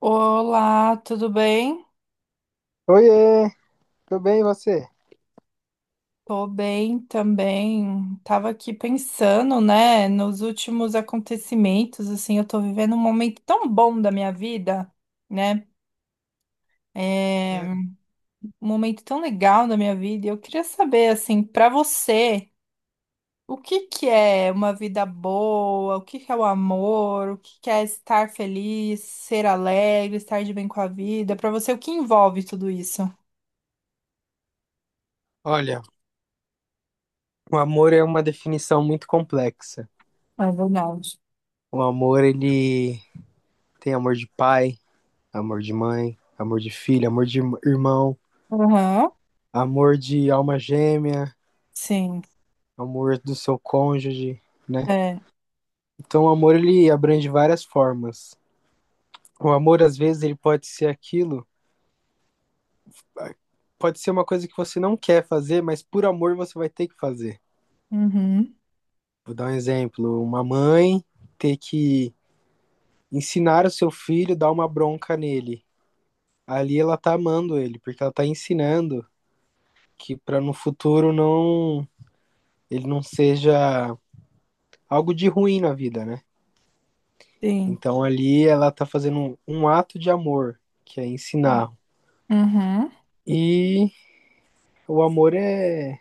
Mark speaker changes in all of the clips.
Speaker 1: Olá, tudo bem?
Speaker 2: Oiê, tudo bem e você?
Speaker 1: Tô bem também. Tava aqui pensando, né, nos últimos acontecimentos, assim, eu tô vivendo um momento tão bom da minha vida, né? É um momento tão legal da minha vida. E eu queria saber, assim, pra você, o que que é uma vida boa? O que que é o amor? O que que é estar feliz, ser alegre, estar de bem com a vida? Pra você, o que envolve tudo isso?
Speaker 2: Olha, o amor é uma definição muito complexa.
Speaker 1: É verdade.
Speaker 2: O amor, ele tem amor de pai, amor de mãe, amor de filho, amor de irmão,
Speaker 1: Aham,
Speaker 2: amor de alma gêmea,
Speaker 1: sim.
Speaker 2: amor do seu cônjuge, né?
Speaker 1: É.
Speaker 2: Então, o amor, ele abrange várias formas. O amor, às vezes, ele pode ser aquilo, pode ser uma coisa que você não quer fazer, mas por amor você vai ter que fazer.
Speaker 1: Uhum.
Speaker 2: Vou dar um exemplo, uma mãe ter que ensinar o seu filho, dar uma bronca nele. Ali ela tá amando ele, porque ela tá ensinando que para no futuro ele não seja algo de ruim na vida, né?
Speaker 1: Sim.
Speaker 2: Então ali ela tá fazendo um ato de amor, que é ensinar.
Speaker 1: Uhum.
Speaker 2: E o amor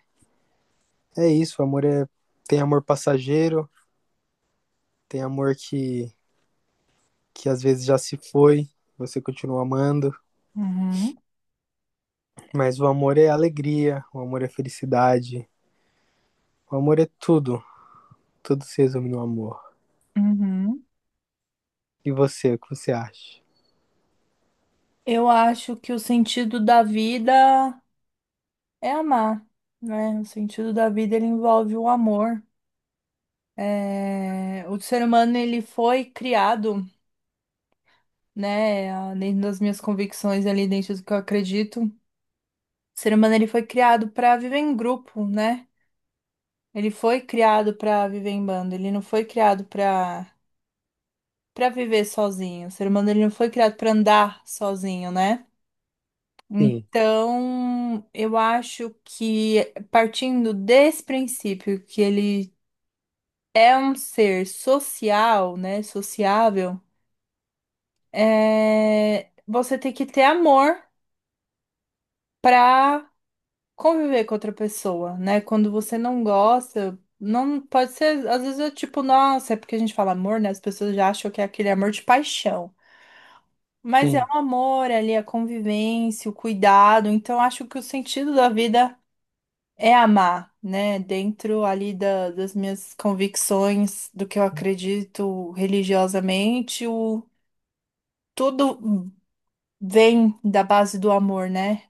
Speaker 2: é isso, o amor tem amor passageiro, tem amor que às vezes já se foi, você continua amando,
Speaker 1: Uhum.
Speaker 2: mas o amor é alegria, o amor é felicidade, o amor é tudo. Tudo se resume no amor.
Speaker 1: Uhum.
Speaker 2: E você, o que você acha?
Speaker 1: Eu acho que o sentido da vida é amar, né? O sentido da vida ele envolve o amor. É, o ser humano ele foi criado, né? Dentro das minhas convicções ali, dentro do que eu acredito, o ser humano ele foi criado para viver em grupo, né? Ele foi criado para viver em bando. Ele não foi criado para para viver sozinho. O ser humano ele não foi criado para andar sozinho, né?
Speaker 2: Sim,
Speaker 1: Então, eu acho que partindo desse princípio que ele é um ser social, né, sociável, você tem que ter amor para conviver com outra pessoa, né? Quando você não gosta, não pode ser, às vezes é tipo, nossa, é porque a gente fala amor, né? As pessoas já acham que é aquele amor de paixão. Mas é
Speaker 2: sim.
Speaker 1: um amor ali, a convivência, o cuidado. Então, acho que o sentido da vida é amar, né? Dentro ali das minhas convicções, do que eu acredito religiosamente, tudo vem da base do amor, né?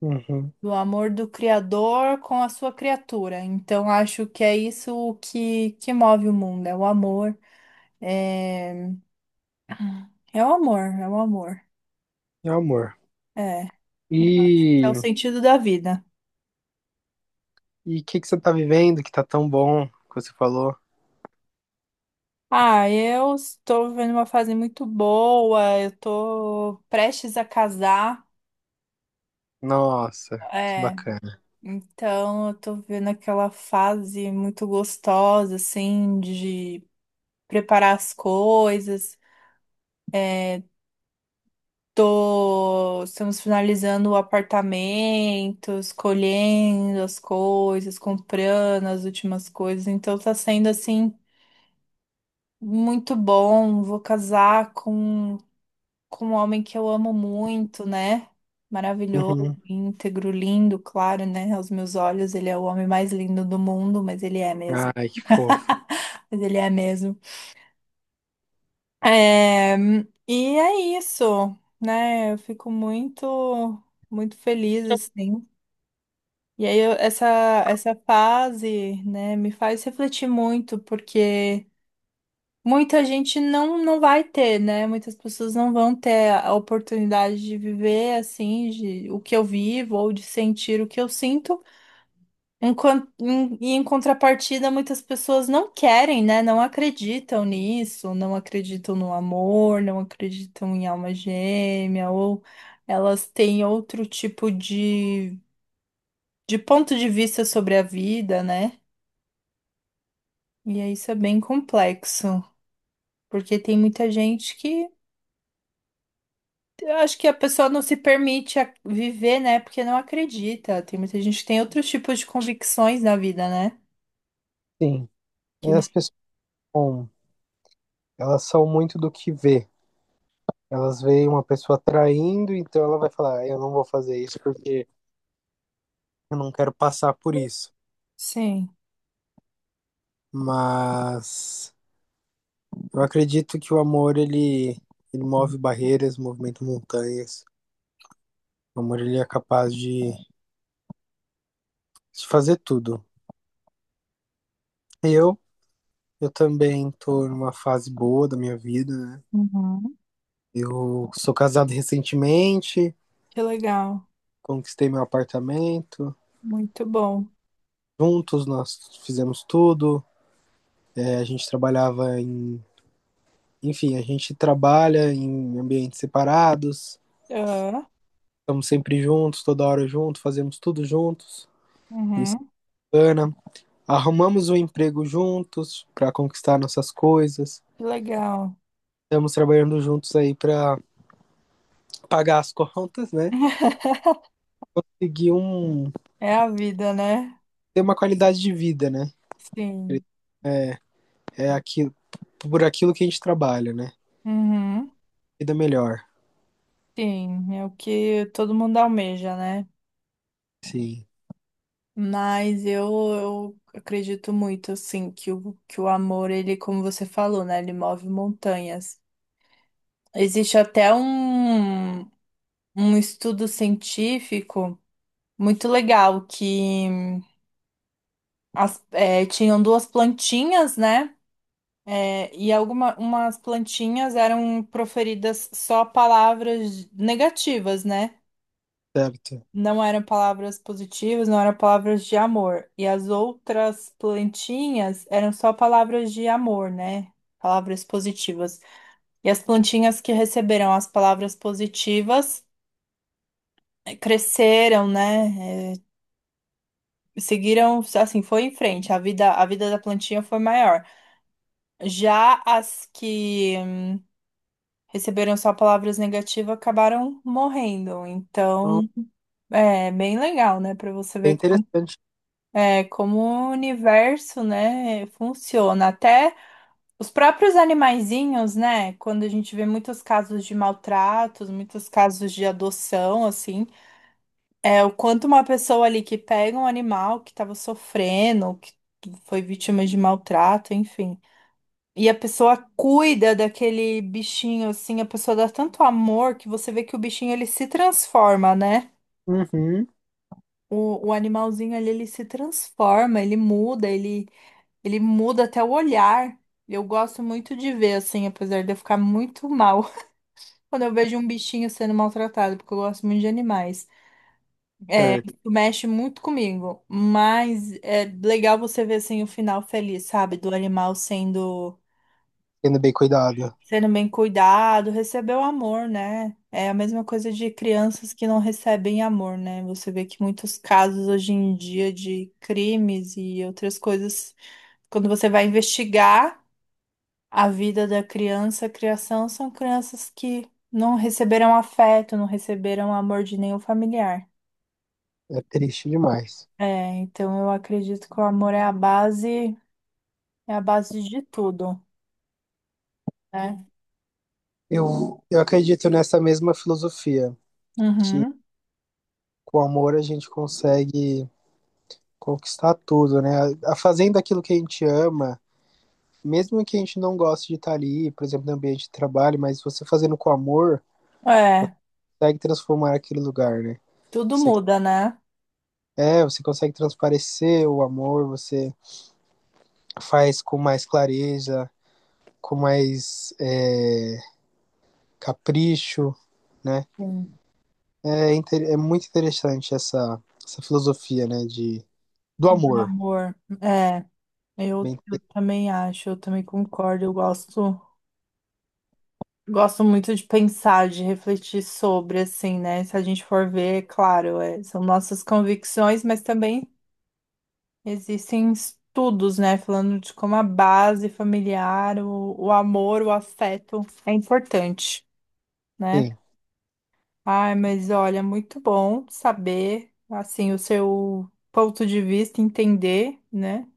Speaker 2: Uhum.
Speaker 1: Do amor do Criador com a sua criatura. Então, acho que é isso que move o mundo, é o amor. É, é o amor, é o amor.
Speaker 2: É amor.
Speaker 1: É, é o
Speaker 2: E
Speaker 1: sentido da vida.
Speaker 2: e o que que você tá vivendo que tá tão bom que você falou?
Speaker 1: Ah, eu estou vivendo uma fase muito boa, eu estou prestes a casar.
Speaker 2: Nossa, que
Speaker 1: É.
Speaker 2: bacana.
Speaker 1: Então, eu tô vendo aquela fase muito gostosa, assim, de preparar as coisas. É, Estamos finalizando o apartamento, escolhendo as coisas, comprando as últimas coisas. Então, tá sendo, assim, muito bom. Vou casar com um homem que eu amo muito, né? Maravilhoso,
Speaker 2: Uhum.
Speaker 1: íntegro, lindo, claro, né? Aos meus olhos, ele é o homem mais lindo do mundo, mas ele é mesmo.
Speaker 2: Ai, que fofo.
Speaker 1: Mas ele é mesmo. É, e é isso, né? Eu fico muito, muito feliz, assim. E aí, essa, essa fase, né, me faz refletir muito, porque muita gente não, não vai ter, né? Muitas pessoas não vão ter a oportunidade de viver, assim, o que eu vivo, ou de sentir o que eu sinto. E em contrapartida, muitas pessoas não querem, né? Não acreditam nisso, não acreditam no amor, não acreditam em alma gêmea, ou elas têm outro tipo de ponto de vista sobre a vida, né? E aí isso é bem complexo, porque tem muita gente que eu acho que a pessoa não se permite viver, né? Porque não acredita. Tem muita gente que tem outros tipos de convicções na vida, né?
Speaker 2: Sim,
Speaker 1: Que
Speaker 2: é,
Speaker 1: não.
Speaker 2: as pessoas, bom, elas são muito do que vê. Elas veem uma pessoa traindo, então ela vai falar: "Ah, eu não vou fazer isso porque eu não quero passar por isso.
Speaker 1: Sim.
Speaker 2: Mas eu acredito que o amor ele move barreiras, movimenta montanhas. O amor, ele é capaz de fazer tudo. Eu, eu também tô numa fase boa da minha vida, né?
Speaker 1: Uhum.
Speaker 2: Eu sou casado recentemente,
Speaker 1: Que legal.
Speaker 2: conquistei meu apartamento.
Speaker 1: Muito bom.
Speaker 2: Juntos nós fizemos tudo. É, a gente trabalhava em. Enfim, a gente trabalha em ambientes separados.
Speaker 1: Ah,
Speaker 2: Estamos sempre juntos, toda hora juntos, fazemos tudo juntos. Isso
Speaker 1: uhum.
Speaker 2: é bacana. Arrumamos um emprego juntos para conquistar nossas coisas.
Speaker 1: Que legal.
Speaker 2: Estamos trabalhando juntos aí para pagar as contas, né? Seguir um.
Speaker 1: É a vida, né?
Speaker 2: Ter uma qualidade de vida, né?
Speaker 1: Sim.
Speaker 2: É, é aquilo, por aquilo que a gente trabalha, né?
Speaker 1: Uhum.
Speaker 2: Vida melhor.
Speaker 1: Sim, é o que todo mundo almeja, né?
Speaker 2: Sim,
Speaker 1: Mas eu acredito muito, assim, que o amor, ele, como você falou, né? Ele move montanhas. Existe até um, um estudo científico muito legal que tinham duas plantinhas, né? E algumas umas plantinhas eram proferidas só palavras negativas, né?
Speaker 2: certo.
Speaker 1: Não eram palavras positivas, não eram palavras de amor. E as outras plantinhas eram só palavras de amor, né? Palavras positivas. E as plantinhas que receberam as palavras positivas cresceram, né? Seguiram, assim, foi em frente. A vida da plantinha foi maior. Já as que receberam só palavras negativas, acabaram morrendo.
Speaker 2: Então,
Speaker 1: Então, é bem legal, né, para você
Speaker 2: é
Speaker 1: ver como,
Speaker 2: interessante.
Speaker 1: é, como o universo, né, funciona. Até os próprios animaizinhos, né, quando a gente vê muitos casos de maltratos, muitos casos de adoção, assim, é o quanto uma pessoa ali que pega um animal que estava sofrendo, que foi vítima de maltrato, enfim. E a pessoa cuida daquele bichinho, assim, a pessoa dá tanto amor que você vê que o bichinho ele se transforma, né?
Speaker 2: Uhum,
Speaker 1: O animalzinho ali, ele se transforma, ele muda, ele muda até o olhar. Eu gosto muito de ver, assim, apesar de eu ficar muito mal quando eu vejo um bichinho sendo maltratado, porque eu gosto muito de animais. É,
Speaker 2: certo.
Speaker 1: isso mexe muito comigo, mas é legal você ver, assim, o final feliz, sabe? Do animal sendo
Speaker 2: Sendo bem cuidado.
Speaker 1: sendo bem cuidado, recebeu amor, né? É a mesma coisa de crianças que não recebem amor, né? Você vê que muitos casos hoje em dia de crimes e outras coisas, quando você vai investigar a vida da criança, a criação, são crianças que não receberam afeto, não receberam amor de nenhum familiar.
Speaker 2: É triste demais.
Speaker 1: É, então eu acredito que o amor é a base de tudo, né?
Speaker 2: Eu acredito nessa mesma filosofia, que
Speaker 1: Uhum.
Speaker 2: com amor a gente consegue conquistar tudo, né? Fazendo aquilo que a gente ama, mesmo que a gente não goste de estar ali, por exemplo, no ambiente de trabalho, mas você fazendo com amor,
Speaker 1: É,
Speaker 2: consegue transformar aquele lugar, né?
Speaker 1: tudo
Speaker 2: Você,
Speaker 1: muda, né?
Speaker 2: é, você consegue transparecer o amor, você faz com mais clareza, com mais capricho, né?
Speaker 1: Sim.
Speaker 2: É muito interessante essa filosofia, né, de, do
Speaker 1: Do
Speaker 2: amor.
Speaker 1: amor. É,
Speaker 2: Bem,
Speaker 1: eu também acho, eu também concordo. Eu gosto, gosto muito de pensar, de refletir sobre, assim, né? Se a gente for ver, é claro, são nossas convicções, mas também existem estudos, né? Falando de como a base familiar, o amor, o afeto é importante, né?
Speaker 2: sim.
Speaker 1: Ai, mas olha, muito bom saber, assim, o seu ponto de vista, entender, né?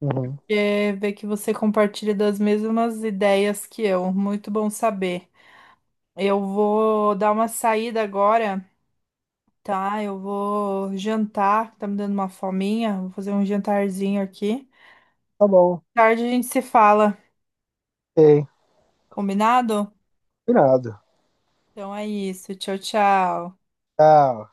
Speaker 2: Uhum.
Speaker 1: É, ver que você compartilha das mesmas ideias que eu. Muito bom saber. Eu vou dar uma saída agora, tá? Eu vou jantar, tá me dando uma fominha. Vou fazer um jantarzinho aqui.
Speaker 2: Tá bom.
Speaker 1: Tarde a gente se fala,
Speaker 2: Ok.
Speaker 1: combinado?
Speaker 2: Irado.
Speaker 1: Então é isso. Tchau, tchau.
Speaker 2: Tchau.